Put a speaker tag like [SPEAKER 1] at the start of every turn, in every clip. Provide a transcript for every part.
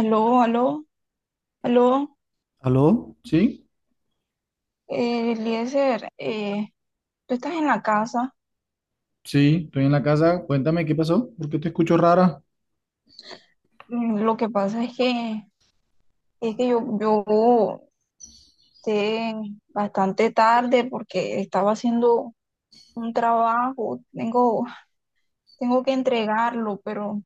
[SPEAKER 1] Aló, aló, aló,
[SPEAKER 2] ¿Aló? Sí,
[SPEAKER 1] Eliezer, ¿tú estás en la casa?
[SPEAKER 2] sí, estoy en la casa. Cuéntame qué pasó, porque te escucho rara,
[SPEAKER 1] Lo que pasa es que yo llegué bastante tarde porque estaba haciendo un trabajo. Tengo que entregarlo, pero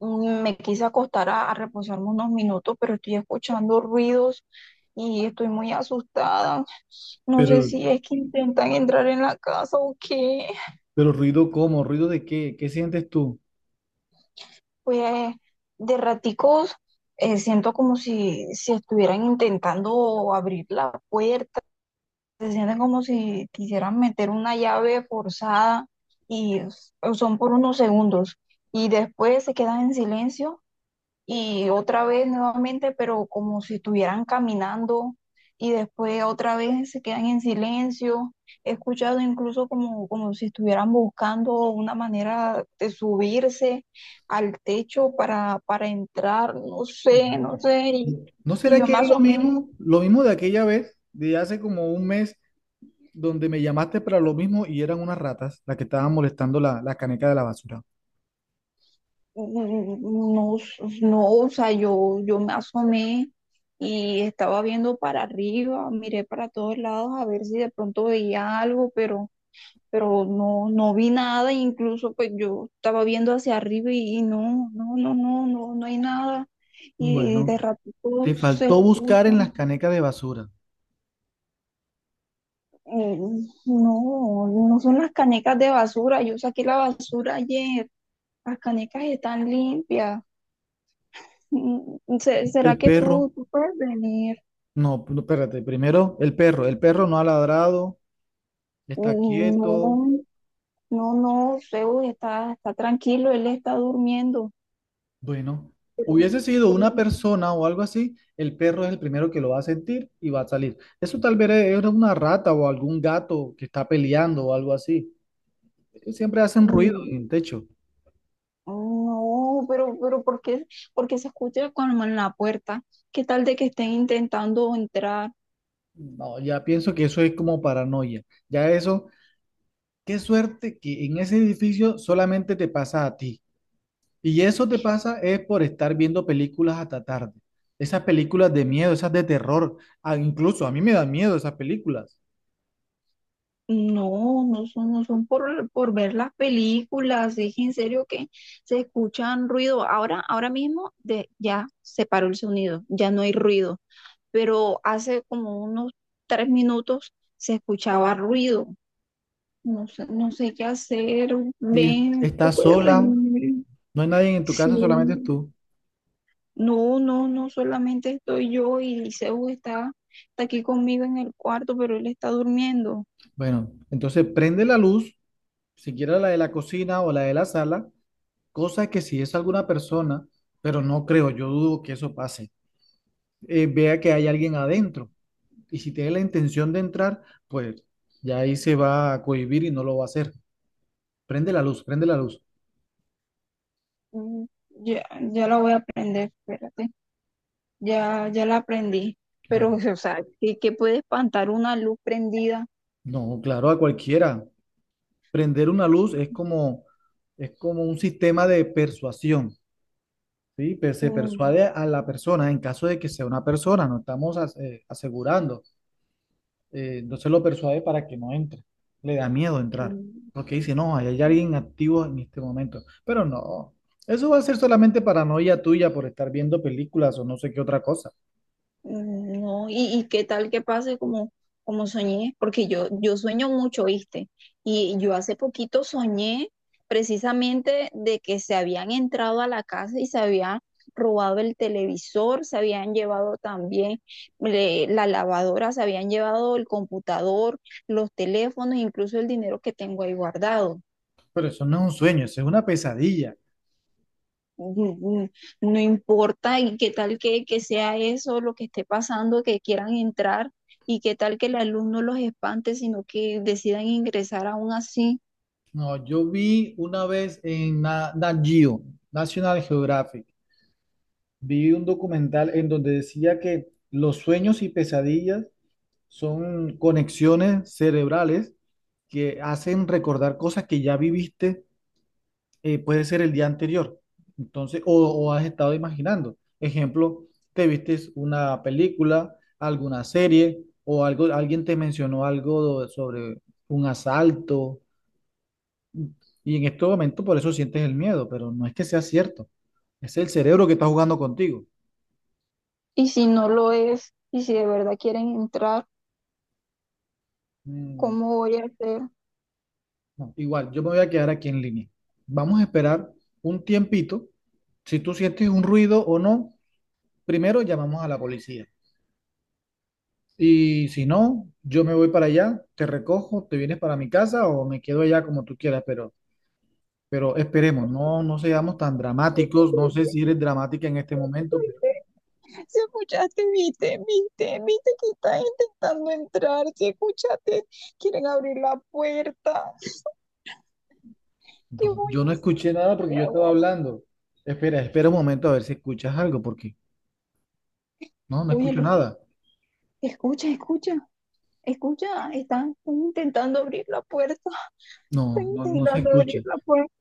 [SPEAKER 1] me quise acostar a reposarme unos minutos, pero estoy escuchando ruidos y estoy muy asustada. No sé
[SPEAKER 2] pero,
[SPEAKER 1] si es que intentan entrar en la casa o qué.
[SPEAKER 2] pero ruido cómo, ruido de qué, ¿qué sientes tú?
[SPEAKER 1] Pues, de raticos, siento como si estuvieran intentando abrir la puerta. Se sienten como si quisieran meter una llave forzada, y son por unos segundos, y después se quedan en silencio, y otra vez nuevamente, pero como si estuvieran caminando, y después otra vez se quedan en silencio. He escuchado incluso como si estuvieran buscando una manera de subirse al techo para entrar. No sé, no
[SPEAKER 2] No,
[SPEAKER 1] sé. y,
[SPEAKER 2] ¿no
[SPEAKER 1] y
[SPEAKER 2] será
[SPEAKER 1] yo
[SPEAKER 2] que
[SPEAKER 1] me
[SPEAKER 2] es
[SPEAKER 1] asomé.
[SPEAKER 2] lo mismo de aquella vez, de hace como un mes, donde me llamaste para lo mismo y eran unas ratas las que estaban molestando la caneca de la basura?
[SPEAKER 1] Mm, no, no, o sea, yo me asomé. Y estaba viendo para arriba, miré para todos lados a ver si de pronto veía algo, pero no, no vi nada. Incluso pues yo estaba viendo hacia arriba, y no, no, no, no, no, no hay nada. Y de
[SPEAKER 2] Bueno,
[SPEAKER 1] ratito
[SPEAKER 2] te
[SPEAKER 1] se
[SPEAKER 2] faltó buscar en las
[SPEAKER 1] escuchan.
[SPEAKER 2] canecas de basura.
[SPEAKER 1] eh, no, no son las canecas de basura. Yo saqué la basura ayer, las canecas están limpias. ¿Será
[SPEAKER 2] El
[SPEAKER 1] que tú,
[SPEAKER 2] perro,
[SPEAKER 1] tú puedes venir?
[SPEAKER 2] no, no, espérate, primero el perro no ha ladrado, está
[SPEAKER 1] Mm,
[SPEAKER 2] quieto.
[SPEAKER 1] No, no, no, Zeus está tranquilo, él está durmiendo,
[SPEAKER 2] Bueno,
[SPEAKER 1] pero,
[SPEAKER 2] hubiese sido
[SPEAKER 1] pero
[SPEAKER 2] una
[SPEAKER 1] sí.
[SPEAKER 2] persona o algo así, el perro es el primero que lo va a sentir y va a salir. Eso tal vez era una rata o algún gato que está peleando o algo así. Siempre hacen ruido
[SPEAKER 1] Mm,
[SPEAKER 2] en el techo.
[SPEAKER 1] no, pero ¿por qué? Porque se escucha cuando en la puerta. ¿Qué tal de que estén intentando entrar?
[SPEAKER 2] No, ya pienso que eso es como paranoia. Ya eso, qué suerte que en ese edificio solamente te pasa a ti. Y eso te pasa es por estar viendo películas hasta tarde. Esas películas de miedo, esas de terror. Ah, incluso a mí me dan miedo esas películas.
[SPEAKER 1] No, no son por ver las películas, es en serio que se escuchan ruido. Ahora, ahora mismo, de, ya se paró el sonido, ya no hay ruido, pero hace como unos 3 minutos se escuchaba ruido. No sé, no sé qué hacer. Ven, tú
[SPEAKER 2] Estás
[SPEAKER 1] puedes
[SPEAKER 2] sola.
[SPEAKER 1] venir.
[SPEAKER 2] No hay nadie en tu casa, solamente
[SPEAKER 1] Sí.
[SPEAKER 2] tú.
[SPEAKER 1] No, no, no, solamente estoy yo y Liceo está aquí conmigo en el cuarto, pero él está durmiendo.
[SPEAKER 2] Bueno, entonces prende la luz, siquiera la de la cocina o la de la sala, cosa que si es alguna persona, pero no creo, yo dudo que eso pase, vea que hay alguien adentro. Y si tiene la intención de entrar, pues ya ahí se va a cohibir y no lo va a hacer. Prende la luz, prende la luz.
[SPEAKER 1] Mm, Ya, ya la voy a aprender, espérate. Ya, ya la aprendí. Pero,
[SPEAKER 2] Bueno,
[SPEAKER 1] o sea, ¿qué puede espantar una luz prendida?
[SPEAKER 2] no, claro, a cualquiera. Prender una luz es como un sistema de persuasión. Sí, pues se
[SPEAKER 1] Mm.
[SPEAKER 2] persuade a la persona en caso de que sea una persona, no estamos asegurando. Entonces lo persuade para que no entre. Le da miedo entrar,
[SPEAKER 1] Mm.
[SPEAKER 2] porque dice, no, ahí hay alguien activo en este momento. Pero no, eso va a ser solamente paranoia tuya por estar viendo películas o no sé qué otra cosa.
[SPEAKER 1] Mm, no, y qué tal que pase como soñé, porque yo sueño mucho, ¿viste? Y yo hace poquito soñé precisamente de que se habían entrado a la casa y se habían robado el televisor, se habían llevado también, la lavadora, se habían llevado el computador, los teléfonos, incluso el dinero que tengo ahí guardado.
[SPEAKER 2] Pero eso no es un sueño, eso es una pesadilla.
[SPEAKER 1] mm, no importa, y qué tal que sea eso lo que esté pasando, que quieran entrar, y qué tal que el alumno los espante, sino que decidan ingresar aún así.
[SPEAKER 2] No, yo vi una vez en Nat Geo, National Geographic, vi un documental en donde decía que los sueños y pesadillas son conexiones cerebrales que hacen recordar cosas que ya viviste, puede ser el día anterior, entonces, o has estado imaginando. Ejemplo, te vistes una película, alguna serie, o algo, alguien te mencionó algo sobre un asalto, y en este momento por eso sientes el miedo, pero no es que sea cierto, es el cerebro que está jugando contigo.
[SPEAKER 1] Y si no lo es, y si de verdad quieren entrar,
[SPEAKER 2] Mm.
[SPEAKER 1] ¿cómo voy a hacer?
[SPEAKER 2] No, igual, yo me voy a quedar aquí en línea. Vamos a esperar un tiempito. Si tú sientes un ruido o no, primero llamamos a la policía. Y si no, yo me voy para allá, te recojo, te vienes para mi casa o me quedo allá como tú quieras, pero esperemos, no, no seamos tan dramáticos. No sé si eres dramática en este momento, pero
[SPEAKER 1] Quieren abrir la puerta.
[SPEAKER 2] no, yo no escuché nada porque yo estaba hablando. Espera, espera un momento a ver si escuchas algo, porque no, no escucho
[SPEAKER 1] Óyelo,
[SPEAKER 2] nada.
[SPEAKER 1] escucha, escucha, escucha, están intentando abrir la puerta. Están
[SPEAKER 2] No, no, no se
[SPEAKER 1] intentando
[SPEAKER 2] escucha.
[SPEAKER 1] abrir la puerta.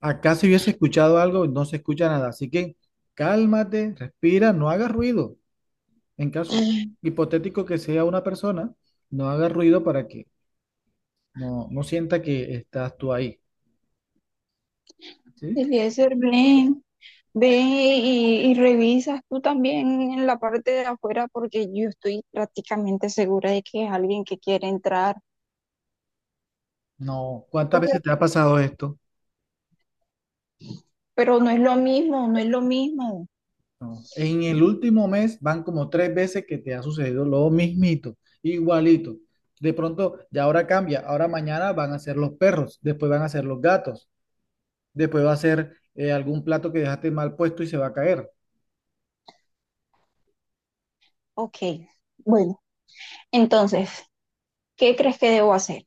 [SPEAKER 2] Acá si hubiese escuchado algo, no se escucha nada. Así que cálmate, respira, no hagas ruido. En caso un hipotético que sea una persona, no hagas ruido para que no, no sienta que estás tú ahí, ¿sí?
[SPEAKER 1] Eliezer, ven, ve y revisas tú también en la parte de afuera, porque yo estoy prácticamente segura de que es alguien que quiere entrar.
[SPEAKER 2] No, ¿cuántas
[SPEAKER 1] Pues,
[SPEAKER 2] veces te ha pasado esto?
[SPEAKER 1] pero no es lo mismo, no es lo mismo.
[SPEAKER 2] No. En el último mes van como tres veces que te ha sucedido lo mismito, igualito. De pronto, ya ahora cambia, ahora mañana van a ser los perros, después van a ser los gatos, después va a ser algún plato que dejaste mal puesto y se va a caer.
[SPEAKER 1] Ok, bueno, entonces, ¿qué crees que debo hacer?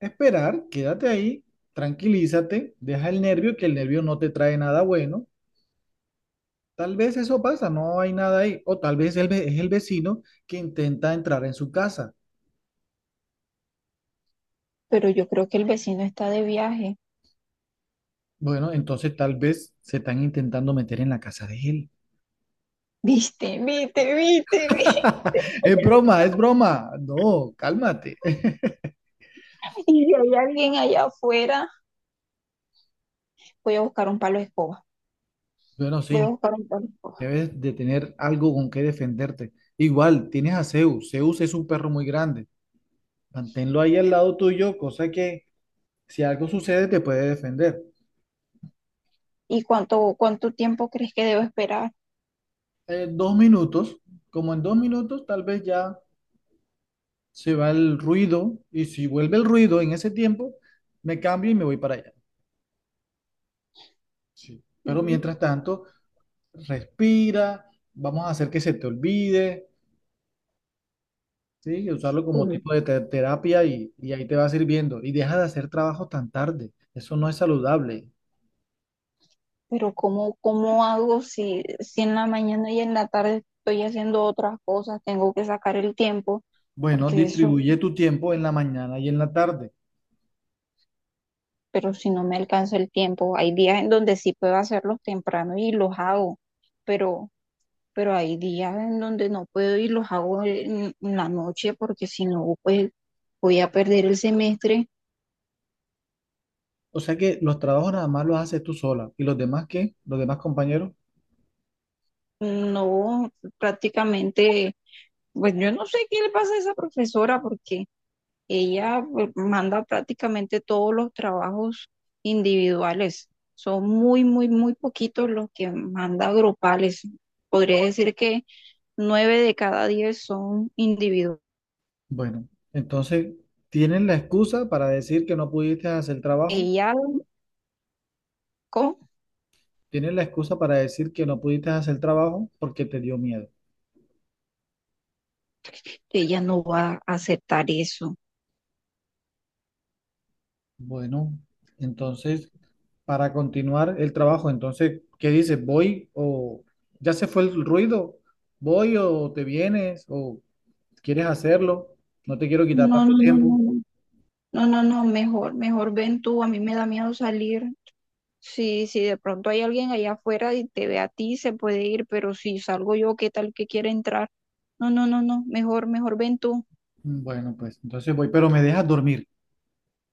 [SPEAKER 2] Esperar, quédate ahí, tranquilízate, deja el nervio, que el nervio no te trae nada bueno. Tal vez eso pasa, no hay nada ahí. O tal vez el es el vecino que intenta entrar en su casa.
[SPEAKER 1] Pero yo creo que el vecino está de viaje.
[SPEAKER 2] Bueno, entonces tal vez se están intentando meter en la casa de él.
[SPEAKER 1] ¿Viste? ¿Viste? ¿Viste? ¿Viste?
[SPEAKER 2] Es broma, es broma. No, cálmate.
[SPEAKER 1] Y si hay alguien allá afuera, voy a buscar un palo de escoba.
[SPEAKER 2] Bueno,
[SPEAKER 1] Voy a
[SPEAKER 2] sí,
[SPEAKER 1] buscar un palo de escoba.
[SPEAKER 2] debes de tener algo con que defenderte. Igual, tienes a Zeus. Zeus es un perro muy grande. Manténlo ahí al lado tuyo, cosa que si algo sucede te puede defender.
[SPEAKER 1] ¿Y cuánto tiempo crees que debo esperar?
[SPEAKER 2] Eh, dos minutos, como en dos minutos tal vez ya se va el ruido y si vuelve el ruido en ese tiempo, me cambio y me voy para allá. Sí. Pero mientras tanto, respira, vamos a hacer que se te olvide, ¿sí? Y usarlo como
[SPEAKER 1] Mm,
[SPEAKER 2] tipo de terapia y ahí te va sirviendo. Y deja de hacer trabajo tan tarde, eso no es saludable.
[SPEAKER 1] Pero ¿cómo hago si en la mañana y en la tarde estoy haciendo otras cosas? Tengo que sacar el tiempo,
[SPEAKER 2] Bueno,
[SPEAKER 1] porque eso,
[SPEAKER 2] distribuye tu tiempo en la mañana y en la tarde.
[SPEAKER 1] pero si no me alcanza el tiempo, hay días en donde sí puedo hacerlos temprano y los hago, pero, pero hay días en donde no puedo y los hago en la noche, porque si no, pues voy a perder el semestre.
[SPEAKER 2] O sea que los trabajos nada más los haces tú sola. ¿Y los demás qué? ¿Los demás compañeros?
[SPEAKER 1] No, prácticamente, pues yo no sé qué le pasa a esa profesora, porque ella pues, manda prácticamente todos los trabajos individuales. Son muy, muy, muy poquitos los que manda grupales. Podría decir que 9 de cada 10 son individuales.
[SPEAKER 2] Bueno, entonces, ¿tienes la excusa para decir que no pudiste hacer el trabajo?
[SPEAKER 1] Ella, co-
[SPEAKER 2] ¿Tienes la excusa para decir que no pudiste hacer el trabajo porque te dio miedo?
[SPEAKER 1] ella no va a aceptar eso.
[SPEAKER 2] Bueno, entonces, para continuar el trabajo, entonces, ¿qué dices? ¿Voy o ya se fue el ruido? ¿Voy o te vienes o quieres hacerlo? No te quiero quitar
[SPEAKER 1] No,
[SPEAKER 2] tanto
[SPEAKER 1] no, no, no,
[SPEAKER 2] tiempo.
[SPEAKER 1] no, no, no, no, mejor, mejor ven tú. A mí me da miedo salir. Si de pronto hay alguien allá afuera y te ve a ti, se puede ir, pero si salgo yo, ¿qué tal que quiere entrar? No, no, no, no, mejor, mejor ven tú.
[SPEAKER 2] Bueno, pues entonces voy, pero me dejas dormir.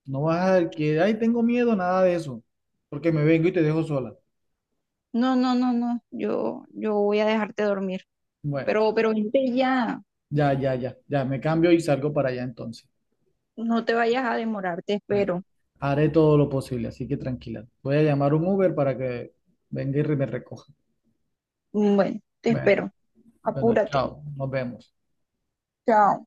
[SPEAKER 2] No vas a que, ay, tengo miedo, nada de eso, porque me vengo y te dejo sola.
[SPEAKER 1] No, no, no, no, yo voy a dejarte dormir,
[SPEAKER 2] Bueno.
[SPEAKER 1] pero vente ya,
[SPEAKER 2] Ya, ya, ya, ya, me cambio y salgo para allá entonces.
[SPEAKER 1] no te vayas a demorar, te
[SPEAKER 2] Me-
[SPEAKER 1] espero.
[SPEAKER 2] Haré todo lo posible, así que tranquila. Voy a llamar un Uber para que venga y me recoja.
[SPEAKER 1] Bueno, te
[SPEAKER 2] Bueno,
[SPEAKER 1] espero,
[SPEAKER 2] bueno,
[SPEAKER 1] apúrate.
[SPEAKER 2] chao, nos vemos.
[SPEAKER 1] Chao.